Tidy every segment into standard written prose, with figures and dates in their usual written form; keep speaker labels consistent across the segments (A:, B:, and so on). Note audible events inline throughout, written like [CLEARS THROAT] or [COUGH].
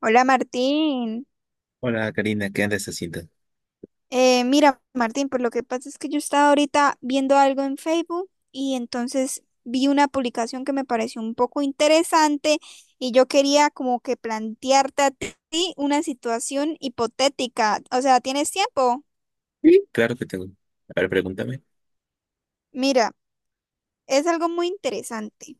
A: Hola Martín.
B: Hola Karina, ¿qué andas haciendo?
A: Mira Martín, pues lo que pasa es que yo estaba ahorita viendo algo en Facebook y entonces vi una publicación que me pareció un poco interesante y yo quería como que plantearte a ti una situación hipotética. O sea, ¿tienes tiempo?
B: Sí. Claro que tengo. A ver, pregúntame.
A: Mira, es algo muy interesante.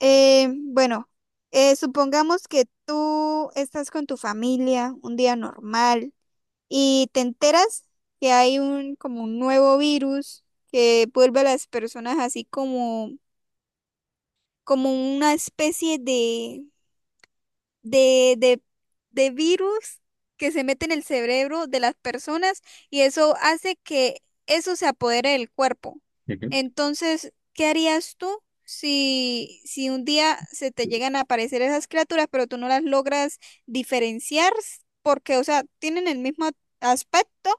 A: Bueno, supongamos que tú estás con tu familia un día normal, y te enteras que hay un como un nuevo virus que vuelve a las personas así como como una especie de, de, de virus que se mete en el cerebro de las personas y eso hace que eso se apodere del cuerpo.
B: Ujú.
A: Entonces, ¿qué harías tú si un día se te llegan a aparecer esas criaturas, pero tú no las logras diferenciar? Porque, o sea, tienen el mismo aspecto,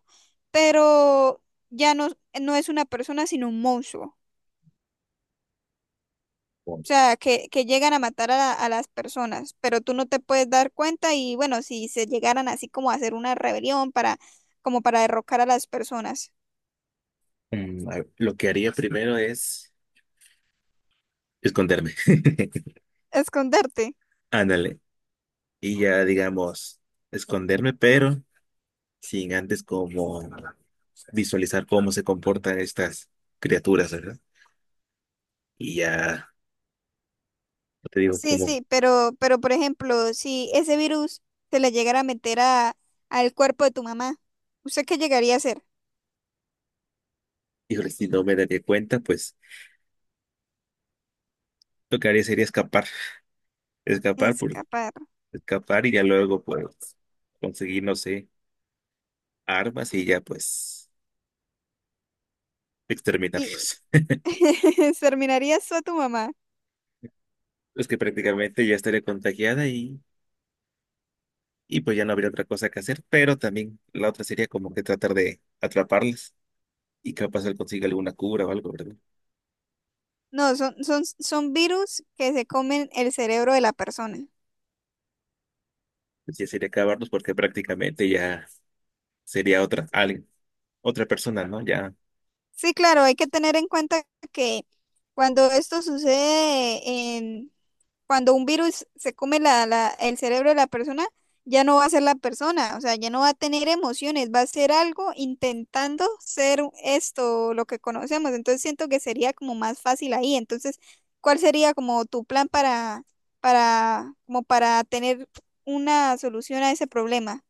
A: pero ya no, no es una persona, sino un monstruo.
B: Bueno,
A: O sea, que llegan a matar a, a las personas, pero tú no te puedes dar cuenta y bueno, si se llegaran así como a hacer una rebelión para, como para derrocar a las personas.
B: a ver, lo que haría primero es esconderme. [LAUGHS]
A: Esconderte.
B: Ándale. Y ya digamos, esconderme, pero sin antes como visualizar cómo se comportan estas criaturas, ¿verdad? Y ya yo te digo,
A: Sí,
B: como,
A: sí, pero por ejemplo, si ese virus se le llegara a meter a, al cuerpo de tu mamá, ¿usted qué llegaría a hacer?
B: híjole, si no me daría cuenta, pues lo que haría sería escapar, escapar por
A: Escapar.
B: escapar y ya luego pues conseguir, no sé, armas y ya pues
A: Y
B: exterminarlos.
A: [LAUGHS] terminarías tú a tu mamá.
B: Pues que prácticamente ya estaría contagiada y pues ya no habría otra cosa que hacer, pero también la otra sería como que tratar de atraparlas y capaz él consiga alguna cura o algo, ¿verdad?
A: No, son, son, son virus que se comen el cerebro de la persona.
B: Pues ya sería acabarlos porque prácticamente ya sería otra, alguien, otra persona, ¿no? Ya,
A: Sí, claro, hay que tener en cuenta que cuando esto sucede, en, cuando un virus se come la, el cerebro de la persona, ya no va a ser la persona, o sea, ya no va a tener emociones, va a ser algo intentando ser esto, lo que conocemos. Entonces siento que sería como más fácil ahí. Entonces, ¿cuál sería como tu plan para, como para tener una solución a ese problema?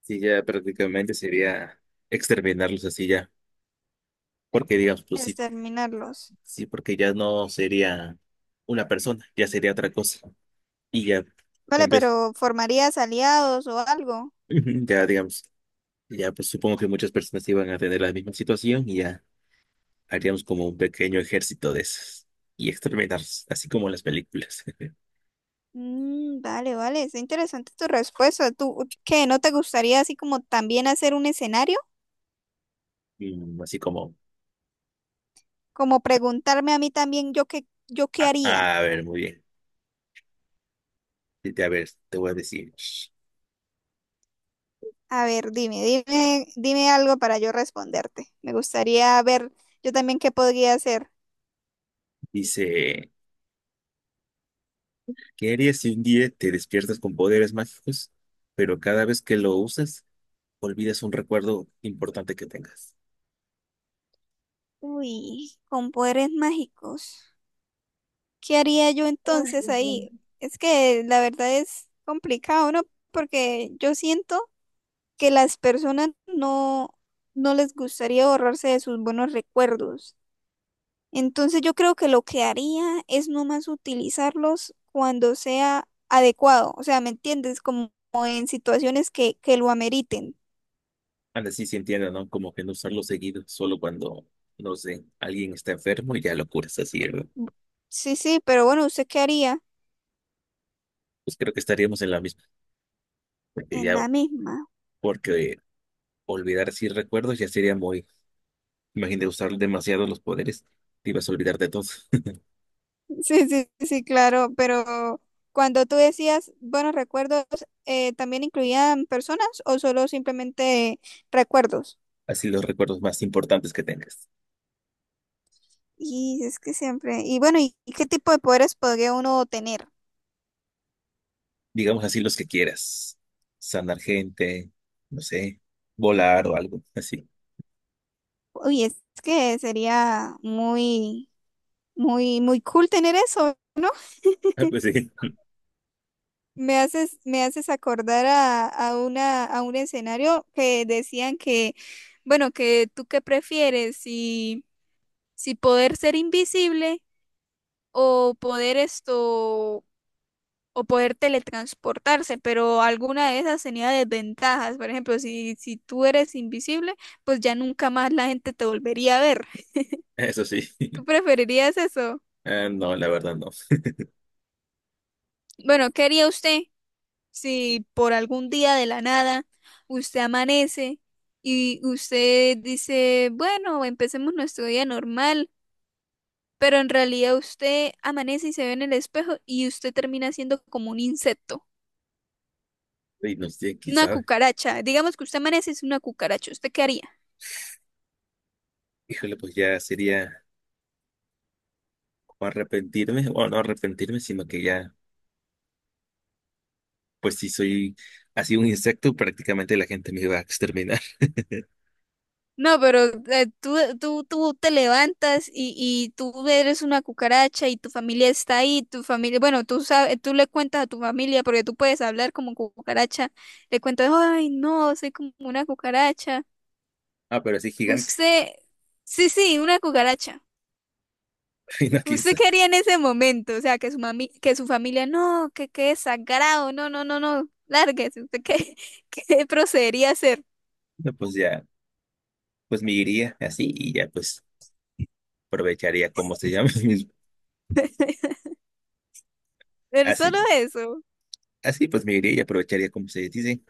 B: sí, ya prácticamente sería exterminarlos así ya, porque digamos, pues sí,
A: Exterminarlos.
B: sí, porque ya no sería una persona, ya sería otra cosa y ya,
A: Vale,
B: en vez,
A: pero ¿formarías aliados o algo?
B: [LAUGHS] ya digamos, ya pues supongo que muchas personas iban a tener la misma situación y ya. Haríamos como un pequeño ejército de esos y experimentar, así como en las películas. [LAUGHS]
A: Mm, vale, vale, es interesante tu respuesta. ¿Tú qué no te gustaría así como también hacer un escenario?
B: Mm, así como,
A: Como preguntarme a mí también yo qué
B: a,
A: haría.
B: a ver, muy bien. A ver, te voy a decir.
A: A ver, dime, dime, dime algo para yo responderte. Me gustaría ver yo también qué podría hacer.
B: Dice, ¿qué harías si un día te despiertas con poderes mágicos, pero cada vez que lo usas, olvidas un recuerdo importante que tengas?
A: Uy, con poderes mágicos. ¿Qué haría yo entonces ahí? Es que la verdad es complicado, ¿no? Porque yo siento que las personas no, no les gustaría borrarse de sus buenos recuerdos. Entonces yo creo que lo que haría es nomás utilizarlos cuando sea adecuado, o sea, ¿me entiendes? Como en situaciones que lo ameriten.
B: Anda, sí se entiende, ¿no? Como que no usarlo seguido, solo cuando, no sé, alguien está enfermo y ya lo curas así, ¿verdad?
A: Sí, sí, pero bueno, ¿usted qué haría?
B: Pues creo que estaríamos en la misma, porque
A: En
B: ya,
A: la misma. [LAUGHS]
B: porque olvidar así recuerdos ya sería muy, imagínate usar demasiado los poderes, te ibas a olvidar de todo. [LAUGHS]
A: Sí, sí, sí, claro, pero cuando tú decías buenos recuerdos, ¿también incluían personas o solo simplemente recuerdos?
B: Así los recuerdos más importantes que tengas.
A: Y es que siempre, y bueno, ¿y qué tipo de poderes podría uno tener?
B: Digamos así los que quieras. Sanar gente, no sé, volar o algo así. [LAUGHS]
A: Uy, es que sería muy, muy, muy cool tener eso, ¿no?
B: Ah, pues sí, [LAUGHS]
A: Me haces acordar a una, a un escenario que decían que, bueno, que tú qué prefieres, si poder ser invisible o poder esto, o poder teletransportarse, pero alguna de esas tenía desventajas. Por ejemplo, si tú eres invisible, pues ya nunca más la gente te volvería a ver.
B: eso sí.
A: ¿Tú preferirías eso?
B: Ah, no, la verdad no. [LAUGHS]
A: Bueno, ¿qué haría usted si por algún día de la nada usted amanece y usted dice, bueno, empecemos nuestro día normal, pero en realidad usted amanece y se ve en el espejo y usted termina siendo como un insecto,
B: Y no sé, quién
A: una
B: sabe.
A: cucaracha? Digamos que usted amanece y es una cucaracha, ¿usted qué haría?
B: Híjole, pues ya sería o arrepentirme, o no arrepentirme, sino que ya, pues si soy así un insecto, prácticamente la gente me iba a exterminar. [LAUGHS]
A: No, pero tú te levantas y tú eres una cucaracha y tu familia está ahí, tu familia, bueno, tú sabes, tú le cuentas a tu familia porque tú puedes hablar como cucaracha, le cuentas, ay, no, soy como una cucaracha.
B: Ah, pero así gigante,
A: Usted, sí, sí, una cucaracha.
B: [LAUGHS] y no quién
A: ¿Usted
B: sabe.
A: qué haría en ese momento? O sea, que su mami, que su familia, no, que qué desagrado, no, no, no, no, lárguese, ¿usted qué, [LAUGHS] qué procedería a hacer?
B: No, pues ya, pues me iría así y ya, pues aprovecharía, ¿cómo se llama? [LAUGHS] Mis-
A: [LAUGHS] Pero solo
B: así,
A: eso.
B: así pues me iría y aprovecharía, como se dice,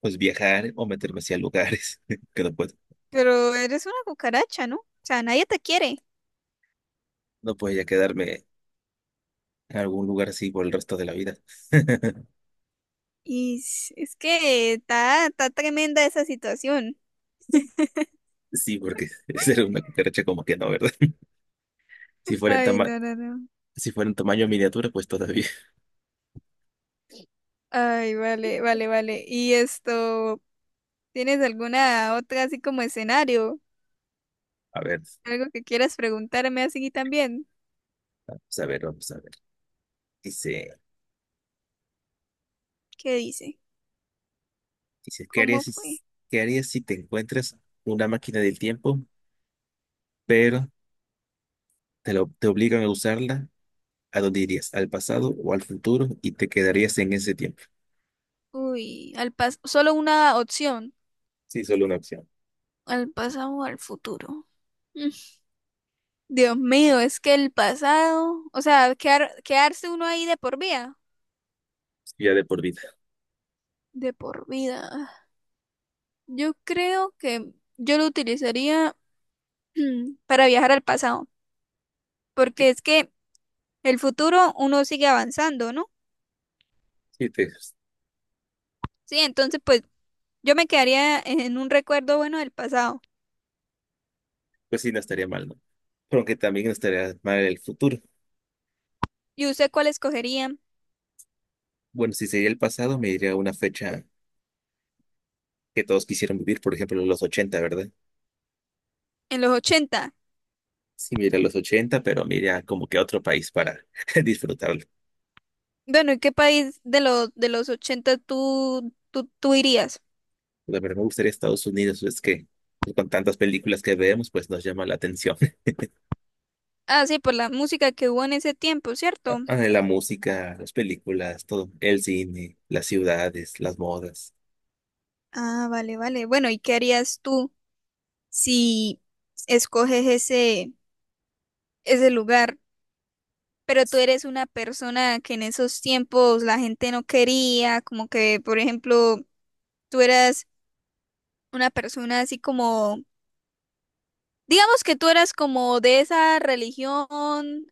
B: pues viajar o meterme hacia lugares [LAUGHS] que no puedo.
A: Pero eres una cucaracha, ¿no? O sea, nadie te quiere.
B: No podía quedarme en algún lugar así por el resto de la vida. [LAUGHS]
A: Y es que está, está tremenda esa situación.
B: Sí, porque ser una cucaracha como que no, ¿verdad? [LAUGHS] Si fuera en
A: Ay,
B: tama-
A: no, no, no.
B: si fuera en tamaño miniatura, pues todavía.
A: Ay, vale, vale, vale. ¿Y esto, tienes alguna otra así como escenario?
B: [LAUGHS] A ver,
A: ¿Algo que quieras preguntarme así también?
B: vamos a ver, vamos a ver. Dice,
A: ¿Qué dice?
B: dice,
A: ¿Cómo fue?
B: ¿qué harías si te encuentras una máquina del tiempo, pero te obligan a usarla? ¿A dónde irías? ¿Al pasado o al futuro? Y te quedarías en ese tiempo.
A: Uy, al pas solo una opción,
B: Sí, solo una opción.
A: al pasado o al futuro. Mm, Dios mío, es que el pasado, o sea, quedarse uno ahí de por vida.
B: Sí, ya de por vida.
A: De por vida. Yo creo que yo lo utilizaría [CLEARS THROAT] para viajar al pasado,
B: Sí,
A: porque es que el futuro uno sigue avanzando, ¿no?
B: sí, te-
A: Sí, entonces pues yo me quedaría en un recuerdo bueno del pasado.
B: pues sí, no estaría mal, ¿no? Pero aunque también no estaría mal el futuro.
A: ¿Y usted cuál escogería
B: Bueno, si sería el pasado, me iría a una fecha que todos quisieran vivir, por ejemplo, los ochenta, ¿verdad?
A: en los 80?
B: Sí, me iría a los 80, pero me iría como que a otro país para [LAUGHS] disfrutarlo.
A: Bueno, ¿y qué país de los 80 tú irías?
B: La verdad me gustaría Estados Unidos, es que con tantas películas que vemos, pues nos llama la atención. [LAUGHS]
A: Ah, sí, por la música que hubo en ese tiempo, ¿cierto?
B: Ah, la música, las películas, todo, el cine, las ciudades, las modas.
A: Ah, vale, vale. Bueno, ¿y qué harías tú si escoges ese lugar? Pero tú eres una persona que en esos tiempos la gente no quería, como que, por ejemplo, tú eras una persona así como, digamos que tú eras como de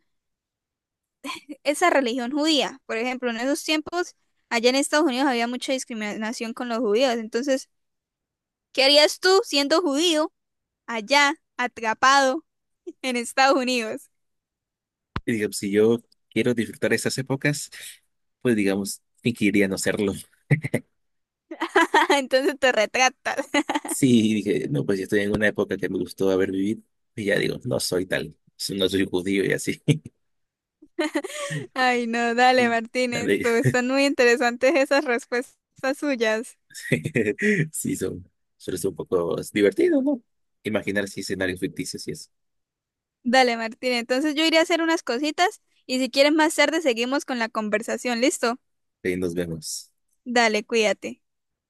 A: esa religión judía. Por ejemplo, en esos tiempos, allá en Estados Unidos había mucha discriminación con los judíos. Entonces, ¿qué harías tú siendo judío allá, atrapado [LAUGHS] en Estados Unidos?
B: Y digamos, si yo quiero disfrutar esas épocas, pues digamos, fingiría no serlo. [LAUGHS]
A: [LAUGHS] Entonces te retratas.
B: Sí, dije, no, pues yo estoy en una época que me gustó haber vivido. Y ya digo, no soy tal, so, no soy judío y así. [LAUGHS]
A: [LAUGHS] Ay, no, dale,
B: Y,
A: Martínez,
B: ande-
A: tú, están muy interesantes esas respuestas suyas.
B: [LAUGHS] sí, son, suele ser un poco divertido, ¿no? Imaginar así escenarios ficticios y eso.
A: Dale, Martín. Entonces yo iré a hacer unas cositas y si quieres más tarde seguimos con la conversación. ¿Listo?
B: Ahí nos vemos.
A: Dale, cuídate.